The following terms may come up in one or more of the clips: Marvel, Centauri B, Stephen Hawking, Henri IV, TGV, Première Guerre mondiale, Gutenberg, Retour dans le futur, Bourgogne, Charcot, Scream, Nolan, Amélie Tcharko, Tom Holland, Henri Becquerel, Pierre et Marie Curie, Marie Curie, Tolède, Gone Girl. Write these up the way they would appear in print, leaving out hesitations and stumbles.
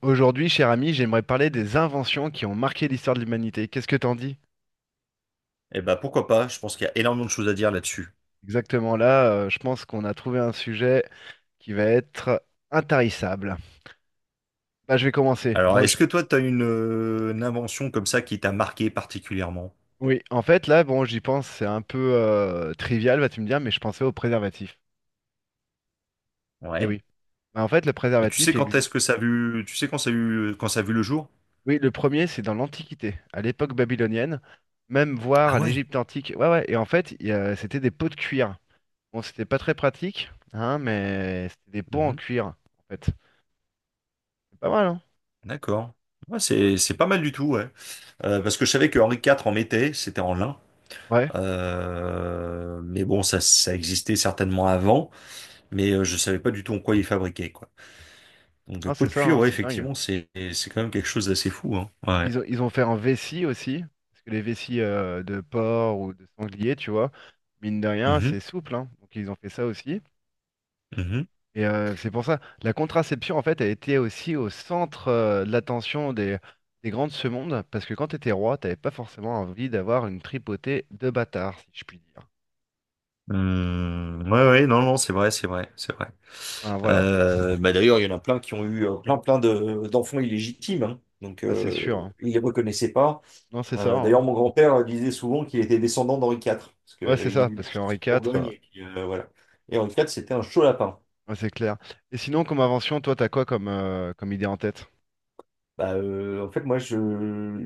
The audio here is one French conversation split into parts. Aujourd'hui, cher ami, j'aimerais parler des inventions qui ont marqué l'histoire de l'humanité. Qu'est-ce que t'en dis? Eh ben, pourquoi pas? Je pense qu'il y a énormément de choses à dire là-dessus. Exactement là, je pense qu'on a trouvé un sujet qui va être intarissable. Bah, je vais commencer. Alors, Bon, est-ce que toi, tu as une invention comme ça qui t'a marqué particulièrement? oui, en fait, là, bon, j'y pense, c'est un peu trivial, vas-tu me dire, mais je pensais au préservatif. Eh Ouais. oui. Bah, en fait, le Et tu sais préservatif quand est-ce existe. que ça a vu, tu sais quand ça a vu, quand ça a vu le jour? Oui, le premier, c'est dans l'Antiquité, à l'époque babylonienne, même voire Ah à ouais. l'Égypte antique. Ouais, ouais. Et en fait, c'était des pots de cuir. Bon, c'était pas très pratique, hein, mais c'était des pots en Mhm. cuir en fait. Pas mal, hein? D'accord. Ouais, Ils pou- c'est pas mal du tout, ouais. Parce que je savais que Henri IV en mettait, c'était en lin. Ouais, Mais bon, ça existait certainement avant, mais je savais pas du tout en quoi il fabriquait, quoi. Donc, non, pot c'est de ça, cuir, hein, ouais, c'est dingue. effectivement, c'est quand même quelque chose d'assez fou, hein. Puis Ouais. ils ont fait un vessie aussi, parce que les vessies de porc ou de sanglier, tu vois, mine de rien, Mhm. c'est souple, hein, donc ils ont fait ça aussi. Mhm. Et c'est pour ça, la contraception, en fait, a été aussi au centre de l'attention des grands de ce monde, parce que quand t'étais roi, t'avais pas forcément envie d'avoir une tripotée de bâtards, si je puis dire. Hmm, ouais, ouais, non, non, c'est vrai, c'est vrai, c'est vrai. Ah, voilà. Bah d'ailleurs, il y en a plein qui ont eu plein, plein de, d'enfants illégitimes, hein. Donc Ah, c'est sûr, hein. ils les reconnaissaient pas. Non, c'est ça, D'ailleurs, hein. mon grand-père disait souvent qu'il était descendant d'Henri IV, parce qu'il Ouais, c'est ça, aimait bien parce chercher qu'Henri en Bourgogne, IV. et puis, voilà. Et Henri IV, c'était un chaud lapin. Ouais, c'est clair. Et sinon, comme invention, toi, t'as quoi comme, comme idée en tête? Bah, en fait, moi, je...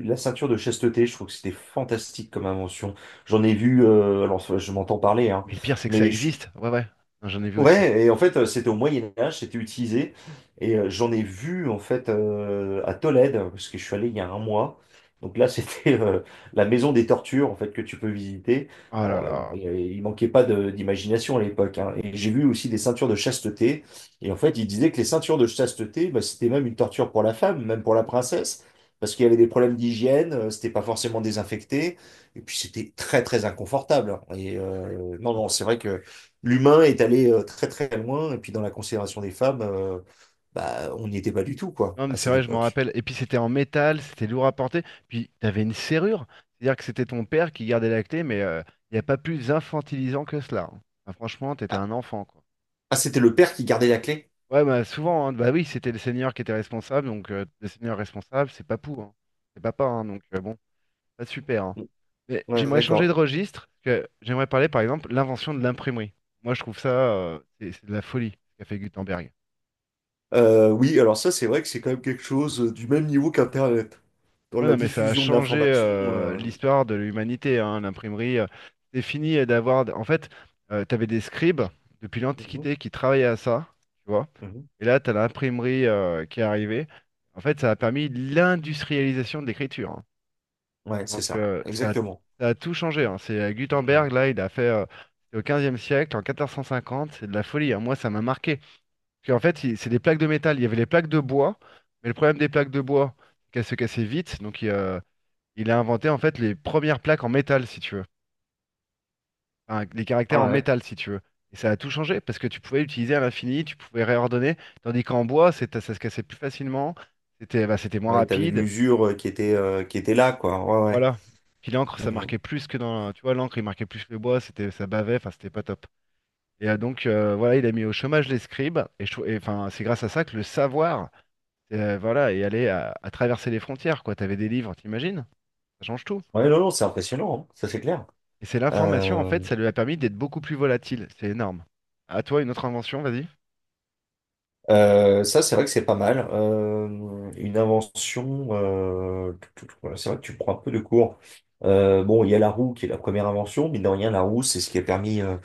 La ceinture de chasteté, je trouve que c'était fantastique comme invention. J'en ai vu, alors je m'entends parler, hein, Mais le pire, c'est que ça mais je- existe. Ouais, ouais. Non, j'en ai vu aussi. Ouais, et en fait, c'était au Moyen Âge, c'était utilisé, et j'en ai vu en fait à Tolède, parce que je suis allé il y a un mois. Donc là, c'était la maison des tortures en fait que tu peux visiter. Oh là Alors, bon, là. Il manquait pas d'imagination à l'époque, hein. Et j'ai vu aussi des ceintures de chasteté. Et en fait, ils disaient que les ceintures de chasteté, bah, c'était même une torture pour la femme, même pour la princesse, parce qu'il y avait des problèmes d'hygiène, c'était pas forcément désinfecté, et puis c'était très très inconfortable, hein. Et non, non, c'est vrai que l'humain est allé très très loin, et puis dans la considération des femmes, bah, on n'y était pas du tout, quoi, Non, mais à c'est cette vrai, je m'en époque. rappelle. Et puis, c'était en métal, c'était lourd à porter. Puis, t'avais une serrure. C'est-à-dire que c'était ton père qui gardait la clé, mais il n'y a pas plus infantilisant que cela, hein. Bah, franchement, t'étais Ah, un enfant, quoi. ah, c'était le père qui gardait la clé? Ouais, bah souvent, hein. Bah oui, c'était le seigneur qui était responsable. Donc, le seigneur responsable, c'est papou, hein. C'est papa, hein, donc bon. Ah, super, hein. Mais Ouais, j'aimerais changer de d'accord. registre, parce que j'aimerais parler, par exemple, l'invention de l'imprimerie. Moi, je trouve ça, c'est de la folie, ce qu'a fait Gutenberg. Oui, alors ça, c'est vrai que c'est quand même quelque chose du même niveau qu'Internet, dans Ouais, la non, mais ça a diffusion de changé l'information. Euh, l'histoire de l'humanité, hein, l'imprimerie, c'est fini d'avoir. En fait, tu avais des scribes depuis mhm. l'Antiquité qui travaillaient à ça, tu vois. Mhm. Et là, tu as l'imprimerie qui est arrivée. En fait, ça a permis l'industrialisation de l'écriture, hein. Ouais, c'est Donc ça, exactement. ça a tout changé, hein. C'est Gutenberg, Mhm. là, il a fait c'est au 15e siècle, en 1450, c'est de la folie, hein. Moi, ça m'a marqué. Parce qu'en fait, c'est des plaques de métal. Il y avait les plaques de bois, mais le problème des plaques de bois, c'est qu'elles se cassaient vite. Donc il a inventé en fait les premières plaques en métal, si tu veux. Enfin, les Ah caractères en ouais, métal, si tu veux. Et ça a tout changé parce que tu pouvais l'utiliser à l'infini, tu pouvais réordonner, tandis qu'en bois, ça se cassait plus facilement, c'était moins ouais, t'avais rapide. l'usure qui était là, quoi. Ouais, Voilà. Puis l'encre, ouais. ça Mhm. marquait plus que dans. Tu vois, l'encre, il marquait plus le bois, c'était, ça bavait, enfin, c'était pas top. Et voilà, il a mis au chômage les scribes, et, enfin, c'est grâce à ça que le savoir, voilà, est allé à traverser les frontières, quoi. T'avais des livres, t'imagines? Ça change tout. Ouais, non, non, c'est impressionnant, hein, ça c'est clair. Et c'est l'information, en Euh, fait, ça lui a permis d'être beaucoup plus volatile. C'est énorme. À toi, une autre invention, vas-y. Ça, c'est vrai que c'est pas mal. Une invention, voilà, c'est vrai que tu prends un peu de cours. Bon, il y a la roue qui est la première invention, mais de rien, la roue, c'est ce qui a permis,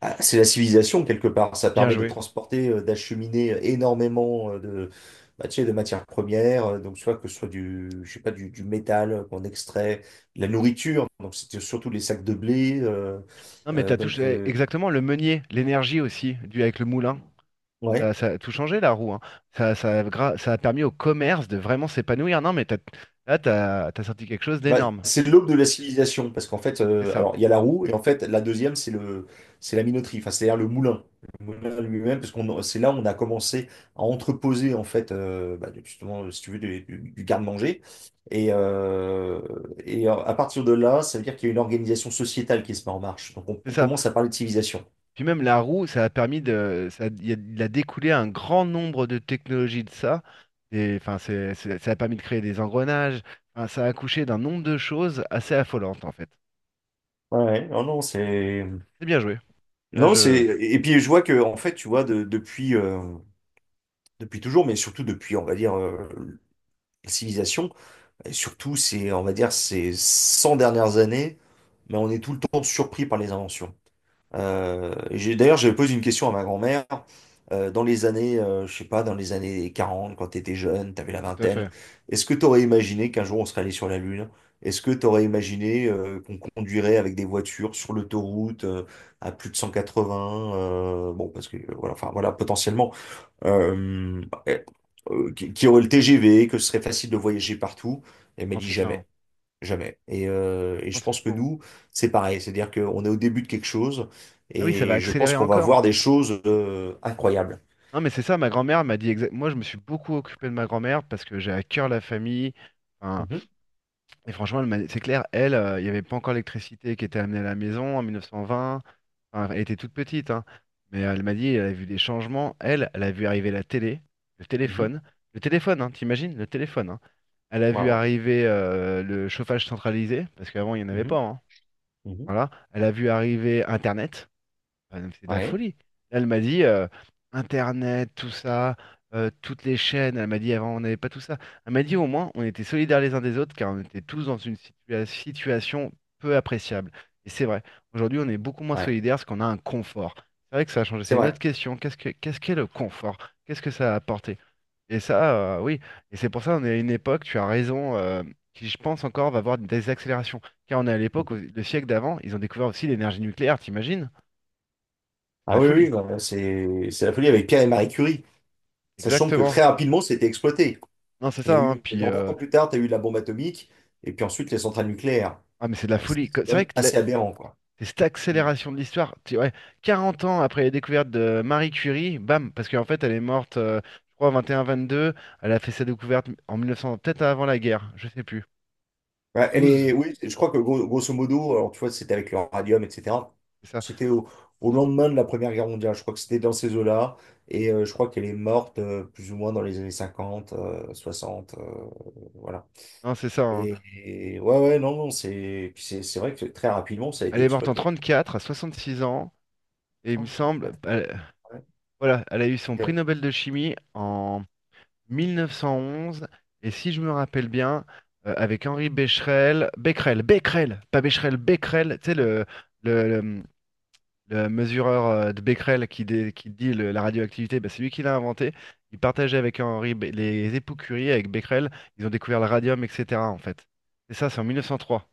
ah, c'est la civilisation quelque part. Ça Bien permet de joué. transporter, d'acheminer énormément de, bah, tu sais, de matières premières, donc soit que ce soit du, je sais pas, du métal qu'on extrait, de la nourriture, donc c'était surtout les sacs de blé. Non, mais t'as Donc, touché exactement le meunier, l'énergie aussi, dû avec le moulin. Ça, ouais. ça a tout changé la roue, hein. Ça a permis au commerce de vraiment s'épanouir. Non, mais t'as- là, t'as sorti quelque chose Bah, d'énorme. c'est l'aube de la civilisation, parce qu'en fait, C'est ça. alors il y a la roue, et en fait, la deuxième, c'est la minoterie, enfin, c'est-à-dire le moulin lui-même, parce qu'on, c'est là où on a commencé à entreposer, en fait, bah, justement, si tu veux, du garde-manger. Et, à partir de là, ça veut dire qu'il y a une organisation sociétale qui se met en marche. Donc, C'est on ça. commence à parler de civilisation. Puis même la roue, ça a permis de. Ça, il a découlé un grand nombre de technologies de ça. Et, enfin, ça a permis de créer des engrenages. Enfin, ça a accouché d'un nombre de choses assez affolantes, en fait. Ouais, ouais. Non, non, c'est. C'est bien joué. Là, Non, c'est. je. Et puis, je vois que, en fait, tu vois, depuis, depuis toujours, mais surtout depuis, on va dire, la civilisation, et surtout, c'est, on va dire, ces 100 dernières années, mais on est tout le temps surpris par les inventions. Et d'ailleurs, j'avais posé une question à ma grand-mère. Dans les années, je sais pas, dans les années 40, quand tu étais jeune, tu avais la Tout à vingtaine, fait. est-ce que tu aurais imaginé qu'un jour on serait allé sur la Lune? Est-ce que tu aurais imaginé qu'on conduirait avec des voitures sur l'autoroute à plus de 180? Bon, parce que, voilà, enfin, voilà, potentiellement bah, eh, qui aurait le TGV, que ce serait facile de voyager partout. Elle m'a Non, dit c'est ça, hein. jamais, jamais. Et, Non, je c'est pense que fou, hein. nous, c'est pareil. C'est-à-dire qu'on est au début de quelque chose Ah oui, ça va et je pense accélérer qu'on va encore. voir des choses incroyables. Non, mais c'est ça, ma grand-mère m'a dit exact... Moi, je me suis beaucoup occupé de ma grand-mère parce que j'ai à cœur la famille. Enfin, Mhm, et franchement, c'est clair, elle, il n'y avait pas encore l'électricité qui était amenée à la maison en 1920. Enfin, elle était toute petite, hein. Mais elle m'a dit, elle a vu des changements. Elle a vu arriver la télé, le mhm, téléphone. Le téléphone, hein, t'imagines? Le téléphone, hein. Elle a vu waouh, arriver le chauffage centralisé, parce qu'avant, il n'y en avait mhm, pas, hein. mhm. Voilà. Elle a vu arriver Internet. Ah non, mais c'est de la Ouais, folie. Là, elle m'a dit Internet, tout ça, toutes les chaînes. Elle m'a dit avant, on n'avait pas tout ça. Elle m'a dit au moins, on était solidaires les uns des autres car on était tous dans une situation peu appréciable. Et c'est vrai. Aujourd'hui, on est beaucoup moins ouais, solidaires parce qu'on a un confort. C'est vrai que ça a changé. c'est C'est une vrai. autre question. Qu'est-ce qu'est le confort? Qu'est-ce que ça a apporté? Et ça, oui. Et c'est pour ça, on est à une époque, tu as raison, qui, je pense encore, va avoir des accélérations. Car on est à l'époque, Mhm. le siècle d'avant, ils ont découvert aussi l'énergie nucléaire, t'imagines? C'est de Ah la oui, folie. oui, non, mais c'est la folie avec Pierre et Marie Curie. Sachant que très Exactement. rapidement, c'était exploité. Non, c'est Il y a ça, hein. eu, Puis, genre 20 ans plus tard, tu as eu la bombe atomique et puis ensuite les centrales nucléaires. ah, mais c'est de la Enfin, C'est folie. C'est C'est quand vrai même que assez aberrant, quoi. c'est cette Mm. accélération de l'histoire, tu ouais. 40 ans après la découverte de Marie Curie, bam, parce qu'en fait, elle est morte, je crois, 21, 22. Elle a fait sa découverte en 1900, peut-être avant la guerre, je sais plus. Ouais, 12, oui, je crois que grosso modo, alors tu vois, c'était avec le radium, etc. c'est ça. C'était au lendemain de la Première Guerre mondiale. Je crois que c'était dans ces eaux-là. Et je crois qu'elle est morte plus ou moins dans les années 50, 60. Voilà. Non, c'est ça, hein. Et, ouais, ouais, non, non, c'est puis c'est vrai que très rapidement, ça a été Elle est morte en exploité. 34, à 66 ans, et il Ah, me en semble, fait, ouais, voilà, elle a eu son prix ok. Nobel de chimie en 1911 et si je me rappelle bien, avec Henri Becquerel Becquerel, Becquerel, pas Becherel, Becquerel, tu sais, le, le- le mesureur de Becquerel qui dit la radioactivité, bah, c'est lui qui l'a inventé. Il partageait avec les époux Curie, avec Becquerel, ils ont découvert le radium, etc. en fait. C'est ça, c'est en 1903.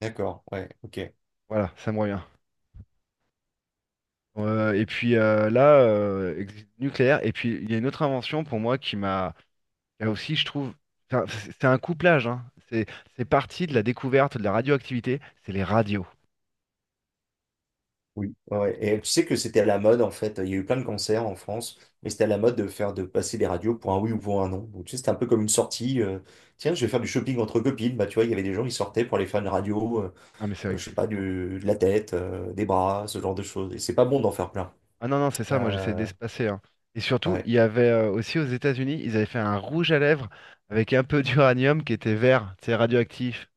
D'accord, ouais, ok. Voilà, ça me revient. Et puis là, nucléaire. Et puis il y a une autre invention pour moi qui m'a. Là aussi, je trouve, enfin, c'est un couplage, hein. C'est parti de la découverte de la radioactivité, c'est les radios. Oui, ouais. Ouais. Et tu sais que c'était à la mode en fait. Il y a eu plein de concerts en France, mais c'était à la mode de passer des radios pour un oui ou pour un non. Donc tu sais, c'était un peu comme une sortie. Tiens, je vais faire du shopping entre copines. Bah tu vois, il y avait des gens qui sortaient pour aller faire une radio, Ah mais c'est vrai que je sais c'est pas, fou, hein. De la tête, des bras, ce genre de choses. Et c'est Mm. pas bon d'en faire plein. Ah non, non, c'est ça, moi j'essaie Euh, d'espacer, hein. Et surtout, il ouais. y avait aussi aux États-Unis, ils avaient fait un rouge à lèvres avec un peu d'uranium qui était vert, c'est radioactif.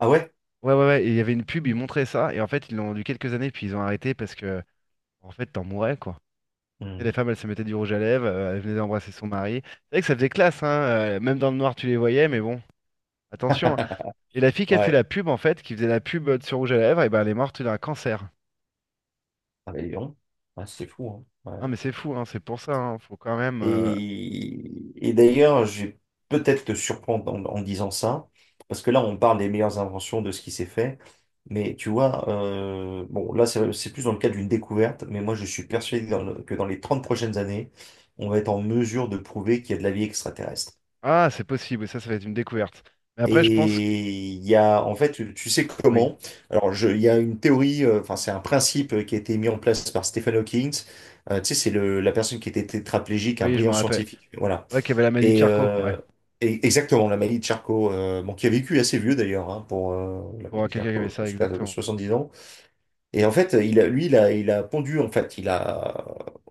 Ah ouais? Ouais, ouais, ouais, et il y avait une pub, ils montraient ça, et en fait, ils l'ont vendu quelques années, puis ils ont arrêté parce que, en fait, t'en mourais, quoi. Et les Mhm. femmes, elles se mettaient du rouge à lèvres, elles venaient d'embrasser son mari. C'est vrai que ça faisait classe, hein, même dans le noir, tu les voyais, mais bon, attention, hein. Et la fille qui a fait la Ouais. pub, en fait, qui faisait la pub sur rouge à lèvres, et ben elle est morte d'un cancer. Ah bah, dis donc. Ouais, c'est fou, hein. Ah, mais c'est fou, hein, c'est pour ça, hein, faut quand même, D'ailleurs, je vais peut-être te surprendre en disant ça, parce que là, on parle des meilleures inventions de ce qui s'est fait. Mais tu vois, bon, là, c'est plus dans le cadre d'une découverte, mais moi, je suis persuadé que que dans les 30 prochaines années, on va être en mesure de prouver qu'il y a de la vie extraterrestre. ah, c'est possible, ça va être une découverte. Mais après, je pense. Et il y a, en fait, tu sais Oui, comment? Alors, il y a une théorie, enfin, c'est un principe qui a été mis en place par Stephen Hawking. Tu sais, la personne qui était tétraplégique, un oui, je me brillant rappelle. scientifique. Voilà. Ouais, qu'il y avait la maladie de Et, Charcot, ouais. Exactement, l'Amélie Tcharko, bon, qui a vécu assez vieux d'ailleurs, hein, pour Pour l'Amélie quelqu'un qui avait Tcharko, ça, jusqu'à exactement. 70 ans. Et en fait, il a pondu, en fait,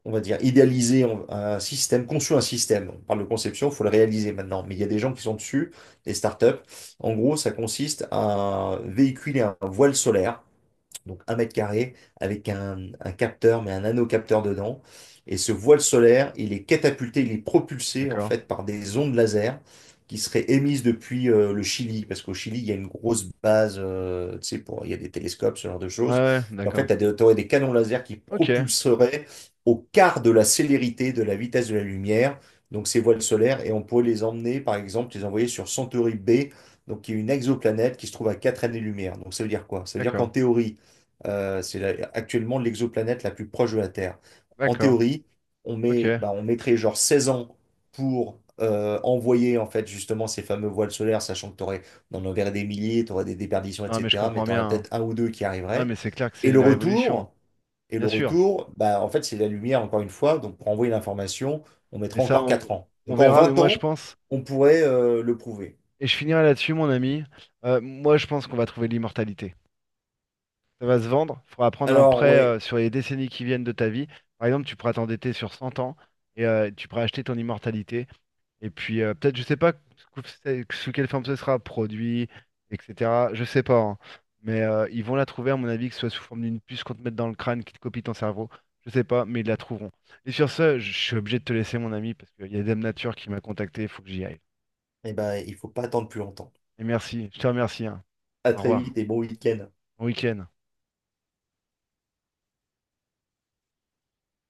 on va dire, idéalisé un système, conçu un système. On parle de conception, il faut le réaliser maintenant. Mais il y a des gens qui sont dessus, des startups. En gros, ça consiste à véhiculer un voile solaire donc un mètre carré, avec un capteur, mais un nanocapteur dedans. Et ce voile solaire, il est catapulté, il est propulsé en D'accord. fait par des ondes laser qui seraient émises depuis le Chili, parce qu'au Chili, il y a une grosse base, tu sais, il y a des télescopes, ce genre de Ouais, choses. ouais, Et en d'accord. fait, tu aurais des canons laser qui Ok, propulseraient au quart de la célérité de la vitesse de la lumière, donc ces voiles solaires, et on pourrait les emmener, par exemple, les envoyer sur Centauri B, donc qui est une exoplanète qui se trouve à 4 années-lumière. Donc ça veut dire quoi? Ça veut dire qu'en d'accord, théorie, c'est actuellement l'exoplanète la plus proche de la Terre. En d'accord, théorie, ok. On mettrait genre 16 ans pour envoyer en fait justement ces fameux voiles solaires, sachant que on en enverrait des milliers, t'aurais des déperditions, Non, mais je etc. Mais comprends t'en as bien, hein. peut-être un ou deux qui Ah, arriveraient. mais c'est clair que Et c'est le une révolution, retour, et le bien sûr. retour, bah, en fait, c'est la lumière encore une fois. Donc pour envoyer l'information, on Mais mettra ça, encore 4 ans. on Donc en verra, mais 20 moi, je ans, pense. on pourrait le prouver. Et je finirai là-dessus, mon ami. Moi, je pense qu'on va trouver l'immortalité. Ça va se vendre. Il faudra prendre un Alors prêt ouais, sur les décennies qui viennent de ta vie. Par exemple, tu pourras t'endetter sur 100 ans et tu pourras acheter ton immortalité. Et puis, peut-être, je sais pas sous sous quelle forme ce sera, produit, etc. Je sais pas, hein. Mais ils vont la trouver, à mon avis, que ce soit sous forme d'une puce qu'on te mette dans le crâne qui te copie ton cerveau. Je sais pas, mais ils la trouveront. Et sur ce, je suis obligé de te laisser, mon ami, parce qu'il y a Dame Nature qui m'a contacté, il faut que j'y aille. eh ben, il faut pas attendre plus longtemps. Et merci, je te remercie, hein. À Au très revoir. vite et bon week-end. Bon week-end.